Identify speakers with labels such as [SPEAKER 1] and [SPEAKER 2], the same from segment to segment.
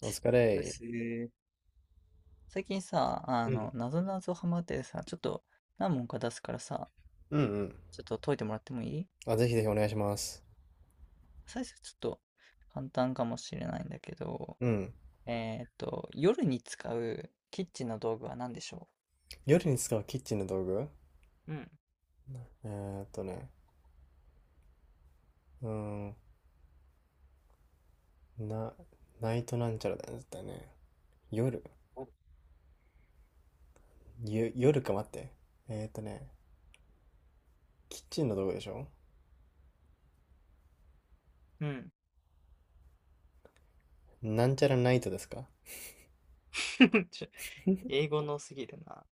[SPEAKER 1] お疲
[SPEAKER 2] で
[SPEAKER 1] れ。
[SPEAKER 2] すね。最近さ、
[SPEAKER 1] うん
[SPEAKER 2] なぞなぞハマっててさ、ちょっと何問か出すからさ、
[SPEAKER 1] うんうん。
[SPEAKER 2] ちょっと解いてもらってもいい？
[SPEAKER 1] あ、ぜひぜひお願いします。
[SPEAKER 2] 最初ちょっと簡単かもしれないんだけど、
[SPEAKER 1] うん。
[SPEAKER 2] 夜に使うキッチンの道具は何でしょ
[SPEAKER 1] 夜に使うキッチンの道具、
[SPEAKER 2] う？うん。
[SPEAKER 1] ね。うーん。な、ナイトなんちゃらだよね。絶対ね。夜。夜か、待って。ね。キッチンの道具でしょ？
[SPEAKER 2] うん。
[SPEAKER 1] なんちゃらナイトですか？
[SPEAKER 2] ちょ、 英語のすぎるな。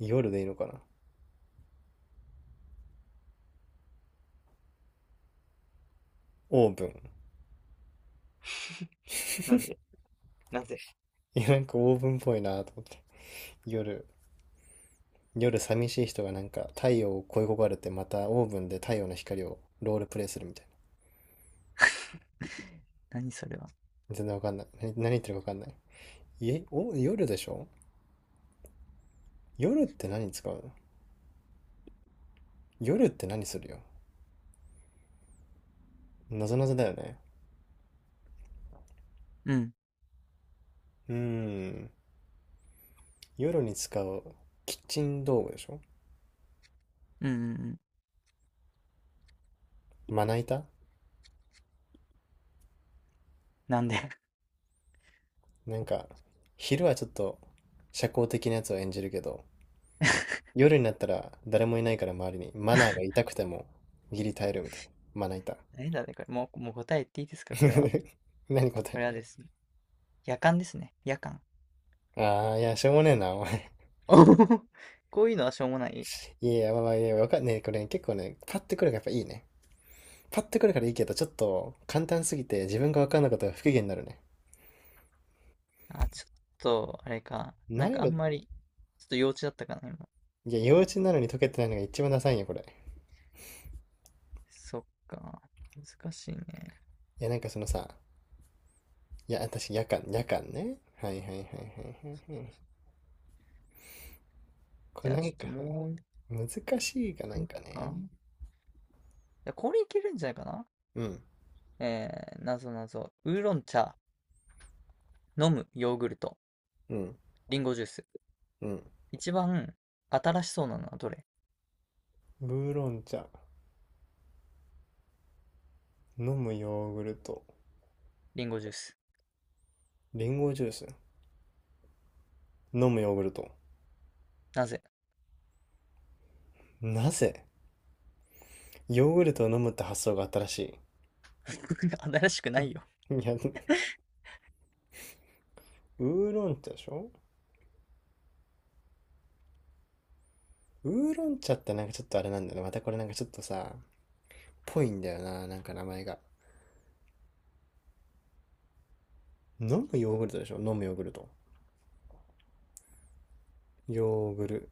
[SPEAKER 1] 夜でいいのかな。オーブン。
[SPEAKER 2] なんで？なぜ？
[SPEAKER 1] いや、なんかオーブンっぽいなと思って。夜。夜寂しい人がなんか太陽を恋焦がれてまたオーブンで太陽の光をロールプレイするみたい
[SPEAKER 2] 何それは？
[SPEAKER 1] な。全然わかんない。何言ってるかわかんない。いえ、夜でしょ？夜って何使うの？夜って何するよ。なぞなぞだよね。
[SPEAKER 2] うん、
[SPEAKER 1] うーん。夜に使うキッチン道具でしょ？
[SPEAKER 2] うん、うんうん。
[SPEAKER 1] まな板。
[SPEAKER 2] なんで？
[SPEAKER 1] なんか、昼はちょっと社交的なやつを演じるけど、夜になったら誰もいないから周りにマナーが痛くてもギリ耐えるみたいな。まな板。
[SPEAKER 2] 何だね、これ。もう答え言っていいですかこれは。
[SPEAKER 1] 何？答
[SPEAKER 2] これ
[SPEAKER 1] え？
[SPEAKER 2] はですね、夜間ですね。夜間。
[SPEAKER 1] ああー、いや、しょうもねえな、お前。
[SPEAKER 2] おほほほ、こういうのはしょうもない。
[SPEAKER 1] いやいや、まあまあ、いや、わかんねえ。これね、結構ね、パッてくるからやっぱいいね。パッとくるからいいけど、ちょっと簡単すぎて自分が分かんなかったら不機嫌になるね。
[SPEAKER 2] あ、ちょっと、あれか。なん
[SPEAKER 1] 難易
[SPEAKER 2] かあ
[SPEAKER 1] 度、
[SPEAKER 2] んまり、ちょっと幼稚だったかな、今。
[SPEAKER 1] いや、幼稚なのに解けてないのが一番ダサいんよ、これ。い
[SPEAKER 2] そっか。難しいね。
[SPEAKER 1] や、なんかそのさ、いや、私、夜間、夜間ね。はいはいはいは
[SPEAKER 2] そ
[SPEAKER 1] いは
[SPEAKER 2] う
[SPEAKER 1] いは
[SPEAKER 2] そうそう、
[SPEAKER 1] い。これ
[SPEAKER 2] じゃあ、
[SPEAKER 1] な
[SPEAKER 2] ち
[SPEAKER 1] ん
[SPEAKER 2] ょ
[SPEAKER 1] か、
[SPEAKER 2] っともう一
[SPEAKER 1] 難しいかな
[SPEAKER 2] 回
[SPEAKER 1] ん
[SPEAKER 2] い
[SPEAKER 1] か
[SPEAKER 2] く
[SPEAKER 1] ね。
[SPEAKER 2] か。いや、これいけるんじゃないかな？
[SPEAKER 1] うん、
[SPEAKER 2] えー、なぞなぞ。ウーロン茶、飲むヨーグルト、
[SPEAKER 1] うん、
[SPEAKER 2] リンゴジュース。
[SPEAKER 1] うん。
[SPEAKER 2] 一番新しそうなのはどれ？
[SPEAKER 1] ウーロン茶、飲むヨーグルト、
[SPEAKER 2] リンゴジュース。
[SPEAKER 1] リンゴジュース、飲むヨーグルト。
[SPEAKER 2] なぜ？
[SPEAKER 1] なぜ、ヨーグルトを飲むって発想があったらし
[SPEAKER 2] 新しくないよ。
[SPEAKER 1] い。いや、ウーロン茶でしょ？ウーロン茶ってなんかちょっとあれなんだよね、またこれなんかちょっとさ、ぽいんだよな、なんか名前が。飲むヨーグルトでしょ？飲むヨーグルト。ヨーグル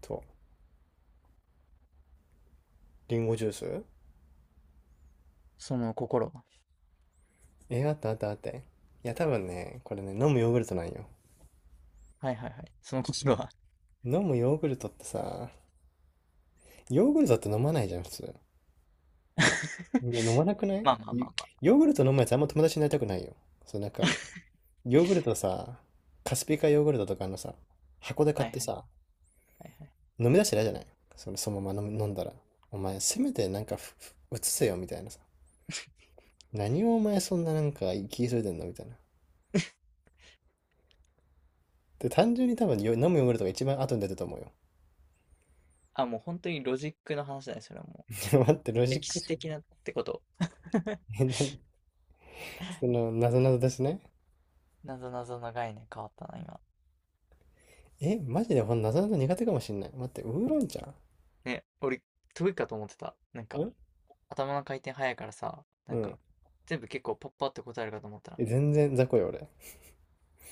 [SPEAKER 1] ト。リンゴジュース。
[SPEAKER 2] その心は。
[SPEAKER 1] え、あったあったあった。いや、多分ね、これね、飲むヨーグルトなんよ。
[SPEAKER 2] はいはいはい。その心は。
[SPEAKER 1] 飲むヨーグルトってさ、ヨーグルトって飲まないじゃん、普通。いや、飲まなくな い
[SPEAKER 2] まあまあま
[SPEAKER 1] ヨ
[SPEAKER 2] あま
[SPEAKER 1] ヨーグルト飲むやつあんま友達になりたくないよ。そう、なんか、ヨーグルトさ、カスピカヨーグルトとかのさ、箱で
[SPEAKER 2] あ。
[SPEAKER 1] 買
[SPEAKER 2] は
[SPEAKER 1] っ
[SPEAKER 2] いは
[SPEAKER 1] て
[SPEAKER 2] い。
[SPEAKER 1] さ、
[SPEAKER 2] はいはい。
[SPEAKER 1] 飲み出してないじゃない、そのまま飲んだら。お前、せめてなんかうつせよみたいなさ。何をお前そんななんか気急いでんのみたいな。で、単純に多分飲むヨーグルトが一番後に出てると思うよ。
[SPEAKER 2] あ、もう本当にロジックの話だね、それはもう。
[SPEAKER 1] 待って、ロジッ
[SPEAKER 2] 歴
[SPEAKER 1] ク
[SPEAKER 2] 史
[SPEAKER 1] しか、
[SPEAKER 2] 的なってこと。
[SPEAKER 1] え、なに？その、なぞなぞですね。
[SPEAKER 2] なぞなぞの概念変わったな、今。
[SPEAKER 1] え、マジでほんなぞなぞ苦手かもしんない。待って、ウーロン茶ん、
[SPEAKER 2] ね、俺、得意かと思ってた。なんか、頭の回転早いからさ、
[SPEAKER 1] う
[SPEAKER 2] なん
[SPEAKER 1] ん。
[SPEAKER 2] か、全部結構パッパって答えるかと思った
[SPEAKER 1] え、
[SPEAKER 2] ら、
[SPEAKER 1] 全然雑魚よ、俺。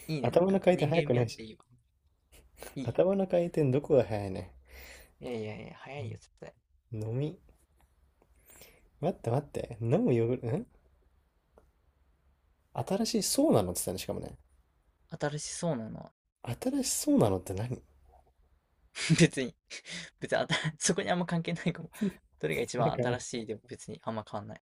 [SPEAKER 2] いいね、なん
[SPEAKER 1] 頭の
[SPEAKER 2] か、
[SPEAKER 1] 回転
[SPEAKER 2] 人
[SPEAKER 1] 速
[SPEAKER 2] 間
[SPEAKER 1] くな
[SPEAKER 2] 味あっ
[SPEAKER 1] いし。
[SPEAKER 2] ていいわ。いい。
[SPEAKER 1] 頭の回転どこが速いね。
[SPEAKER 2] いやいやいや、早いよ、絶対。
[SPEAKER 1] 飲み。待って待って。飲むヨーグルト、新しいそうなのって言ったね、しかもね。
[SPEAKER 2] 新しそうなのは、
[SPEAKER 1] 新しそうなのって何？
[SPEAKER 2] 別に、別にあた、そこにあんま関係ないかも。どれが一
[SPEAKER 1] なん
[SPEAKER 2] 番
[SPEAKER 1] か、
[SPEAKER 2] 新しいでも別にあんま変わんない。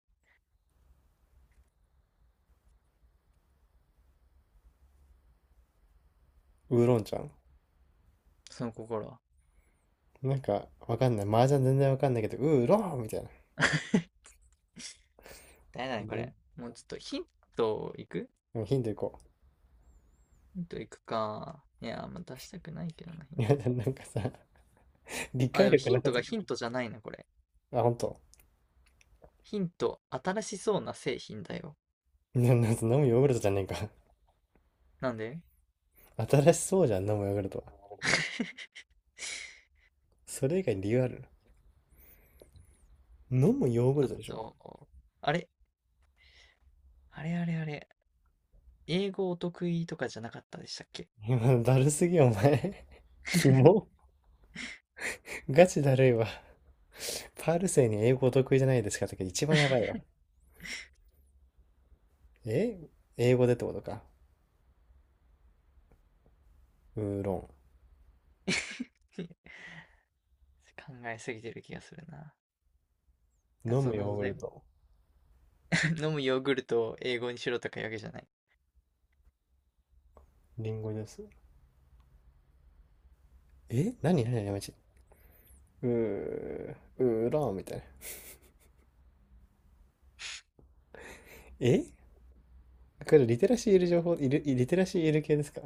[SPEAKER 1] ウーロンちゃん。
[SPEAKER 2] その心は。
[SPEAKER 1] なんか、わかんない。麻雀全然わかんないけど、ウーロンみたいな。
[SPEAKER 2] 誰だね、こ
[SPEAKER 1] う
[SPEAKER 2] れ。もうちょっとヒントいく、
[SPEAKER 1] ん、ヒントいこ
[SPEAKER 2] ヒントいくか。いやー、まあ出したくないけどな、ヒン
[SPEAKER 1] う。いや、
[SPEAKER 2] ト。
[SPEAKER 1] なんかさ、理
[SPEAKER 2] あ、で
[SPEAKER 1] 解
[SPEAKER 2] も
[SPEAKER 1] 力
[SPEAKER 2] ヒ
[SPEAKER 1] な
[SPEAKER 2] ント
[SPEAKER 1] さす
[SPEAKER 2] が
[SPEAKER 1] ぎ。
[SPEAKER 2] ヒントじゃないな、これ。
[SPEAKER 1] あ、ほんと？
[SPEAKER 2] ヒント、新しそうな製品だよ。
[SPEAKER 1] な、なんか飲むヨーグルトじゃねえか。
[SPEAKER 2] なんで？
[SPEAKER 1] 新しそうじゃん、飲むヨーグルト
[SPEAKER 2] ち
[SPEAKER 1] は。それ以外に理由ある？飲むヨーグ
[SPEAKER 2] ょ
[SPEAKER 1] ル
[SPEAKER 2] っ
[SPEAKER 1] トでしょ？
[SPEAKER 2] と、あれあれあれあれ。英語お得意とかじゃなかったでしたっけ？
[SPEAKER 1] いや、だるすぎ、お前。キモ。ガチだるいわ。パールセに英語お得意じゃないですかとか一番やばいわ。え、英語でってことか。ウーロ
[SPEAKER 2] 考えすぎてる気がするな。
[SPEAKER 1] ン。飲
[SPEAKER 2] 謎
[SPEAKER 1] むヨー
[SPEAKER 2] 謎
[SPEAKER 1] グ
[SPEAKER 2] だ
[SPEAKER 1] ル
[SPEAKER 2] よ。
[SPEAKER 1] ト。
[SPEAKER 2] 飲むヨーグルトを英語にしろとかいうわけじゃない。
[SPEAKER 1] リンゴジュース。え、何何何やめち。うー、うーらーみたいな。え、これリテラシーいる情報、いる、リテラシーいる系ですか？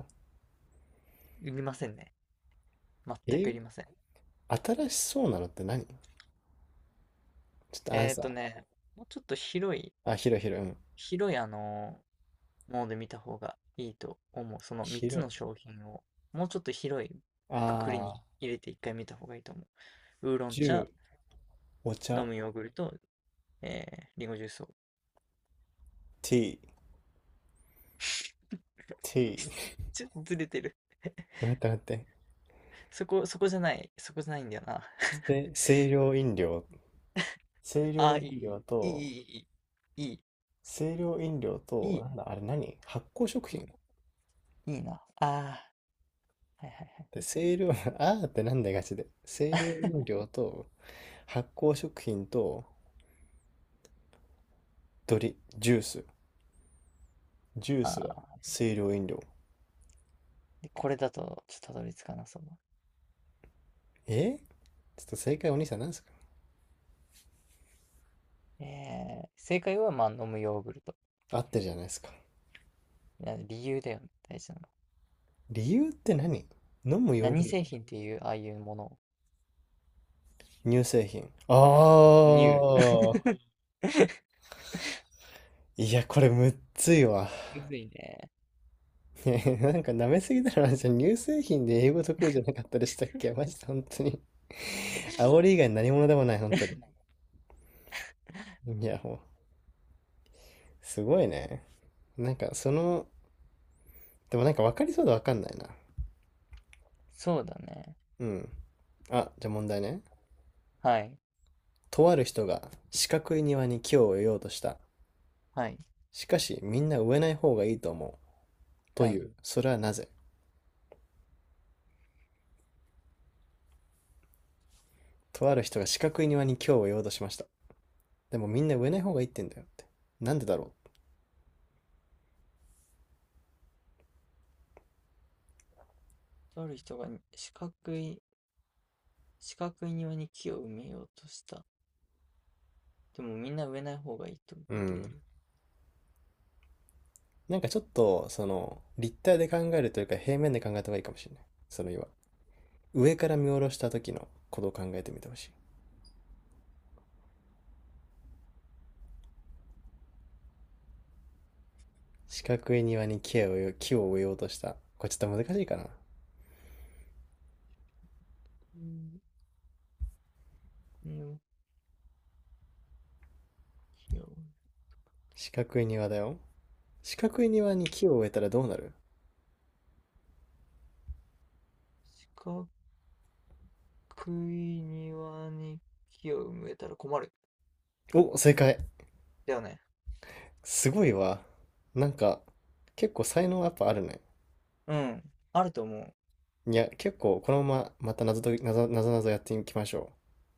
[SPEAKER 2] いりませんね。全く
[SPEAKER 1] え、
[SPEAKER 2] いりません。
[SPEAKER 1] 新しそうなのって何？ちょっとアン
[SPEAKER 2] えっ
[SPEAKER 1] サ
[SPEAKER 2] と
[SPEAKER 1] ー。
[SPEAKER 2] ね、もうちょっと広い、
[SPEAKER 1] あ、広い広い。うん。
[SPEAKER 2] 広いあのモーで見た方がいいと思う。その3
[SPEAKER 1] 広
[SPEAKER 2] つの
[SPEAKER 1] い。
[SPEAKER 2] 商品を、もうちょっと広い
[SPEAKER 1] あ
[SPEAKER 2] くくりに
[SPEAKER 1] ー、
[SPEAKER 2] 入れて一回見た方がいいと思う。ウーロン
[SPEAKER 1] ジュ
[SPEAKER 2] 茶、
[SPEAKER 1] ー、お
[SPEAKER 2] 飲
[SPEAKER 1] 茶、
[SPEAKER 2] むヨーグルト、えー、リンゴジュースを。
[SPEAKER 1] ティー、ティ ー。
[SPEAKER 2] ちょっとずれてる。
[SPEAKER 1] 待って待って。
[SPEAKER 2] そこ、そこじゃない。そこじゃないんだよな。
[SPEAKER 1] せ清涼飲料。清
[SPEAKER 2] あ
[SPEAKER 1] 涼
[SPEAKER 2] ー、
[SPEAKER 1] 飲
[SPEAKER 2] いい、
[SPEAKER 1] 料
[SPEAKER 2] いい、
[SPEAKER 1] と、
[SPEAKER 2] いい、いい、
[SPEAKER 1] 清涼飲料
[SPEAKER 2] い
[SPEAKER 1] と、
[SPEAKER 2] い、
[SPEAKER 1] なんだ、あれ、何？発酵食
[SPEAKER 2] いい、
[SPEAKER 1] 品
[SPEAKER 2] いいな。あー、はいはい
[SPEAKER 1] で、
[SPEAKER 2] はい。
[SPEAKER 1] 清涼、あーってなんだガチで。清涼飲料と、発酵食品と、ジュース。ジュースは
[SPEAKER 2] あ
[SPEAKER 1] 清涼飲料。
[SPEAKER 2] ー、でこれだと、ちょっとたどり着かなそうだ。
[SPEAKER 1] え、ちょっと正解お兄さん何ですか？
[SPEAKER 2] えー、正解は、まあ、飲むヨーグルト。
[SPEAKER 1] 合ってるじゃないですか。
[SPEAKER 2] いや理由だよね、大事なの。
[SPEAKER 1] 理由って何？飲むヨー
[SPEAKER 2] 何
[SPEAKER 1] グル
[SPEAKER 2] 製
[SPEAKER 1] ト。
[SPEAKER 2] 品っていう、ああいうもの。
[SPEAKER 1] 乳製品。
[SPEAKER 2] ニュー。
[SPEAKER 1] ああ。いや、これむっついわ。
[SPEAKER 2] むずいね。
[SPEAKER 1] なんか舐めすぎだろ、じゃん。乳製品で英語得意じゃなかったでしたっけ？マジで本当に。煽り以外何者でもない、本当に。いや、もう、すごいね。なんかその、でもなんか分かりそうで分かんないな。
[SPEAKER 2] そうだね。
[SPEAKER 1] うん。あ、じゃあ問題ね。
[SPEAKER 2] はい。
[SPEAKER 1] とある人が四角い庭に木を植えようとした。
[SPEAKER 2] はい。
[SPEAKER 1] しかし、みんな植えない方がいいと思う、と
[SPEAKER 2] は
[SPEAKER 1] い
[SPEAKER 2] い。
[SPEAKER 1] う。それはなぜ？とある人が四角い庭に今日を言おうとしました。でもみんな植えない方がいいってんだよって。なんでだろ
[SPEAKER 2] とある人が四角い、四角い庭に木を埋めようとした。でもみんな植えない方がいいと言っ
[SPEAKER 1] う。う
[SPEAKER 2] てい
[SPEAKER 1] ん。
[SPEAKER 2] る。
[SPEAKER 1] なんかちょっと、その、立体で考えるというか平面で考えた方がいいかもしれない。その岩。上から見下ろした時のことを考えてみてほしい。四角い庭に木を植えようとした。これちょっと難しいかな。
[SPEAKER 2] うん、の木を、
[SPEAKER 1] 四角い庭だよ。四角い庭に木を植えたらどうなる？
[SPEAKER 2] 四角い庭に木を埋めたら困る。
[SPEAKER 1] お、正解。
[SPEAKER 2] だよね。
[SPEAKER 1] すごいわ。なんか、結構才能やっぱあるね。
[SPEAKER 2] うん。あると思う。
[SPEAKER 1] いや、結構、このまままた謎と、謎、謎々やっていきましょ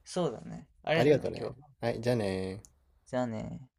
[SPEAKER 2] そうだね。あ
[SPEAKER 1] う。
[SPEAKER 2] り
[SPEAKER 1] あ
[SPEAKER 2] が
[SPEAKER 1] りが
[SPEAKER 2] とう
[SPEAKER 1] と
[SPEAKER 2] ね、今
[SPEAKER 1] ね。
[SPEAKER 2] 日は。
[SPEAKER 1] はい、じゃあね
[SPEAKER 2] じゃあね。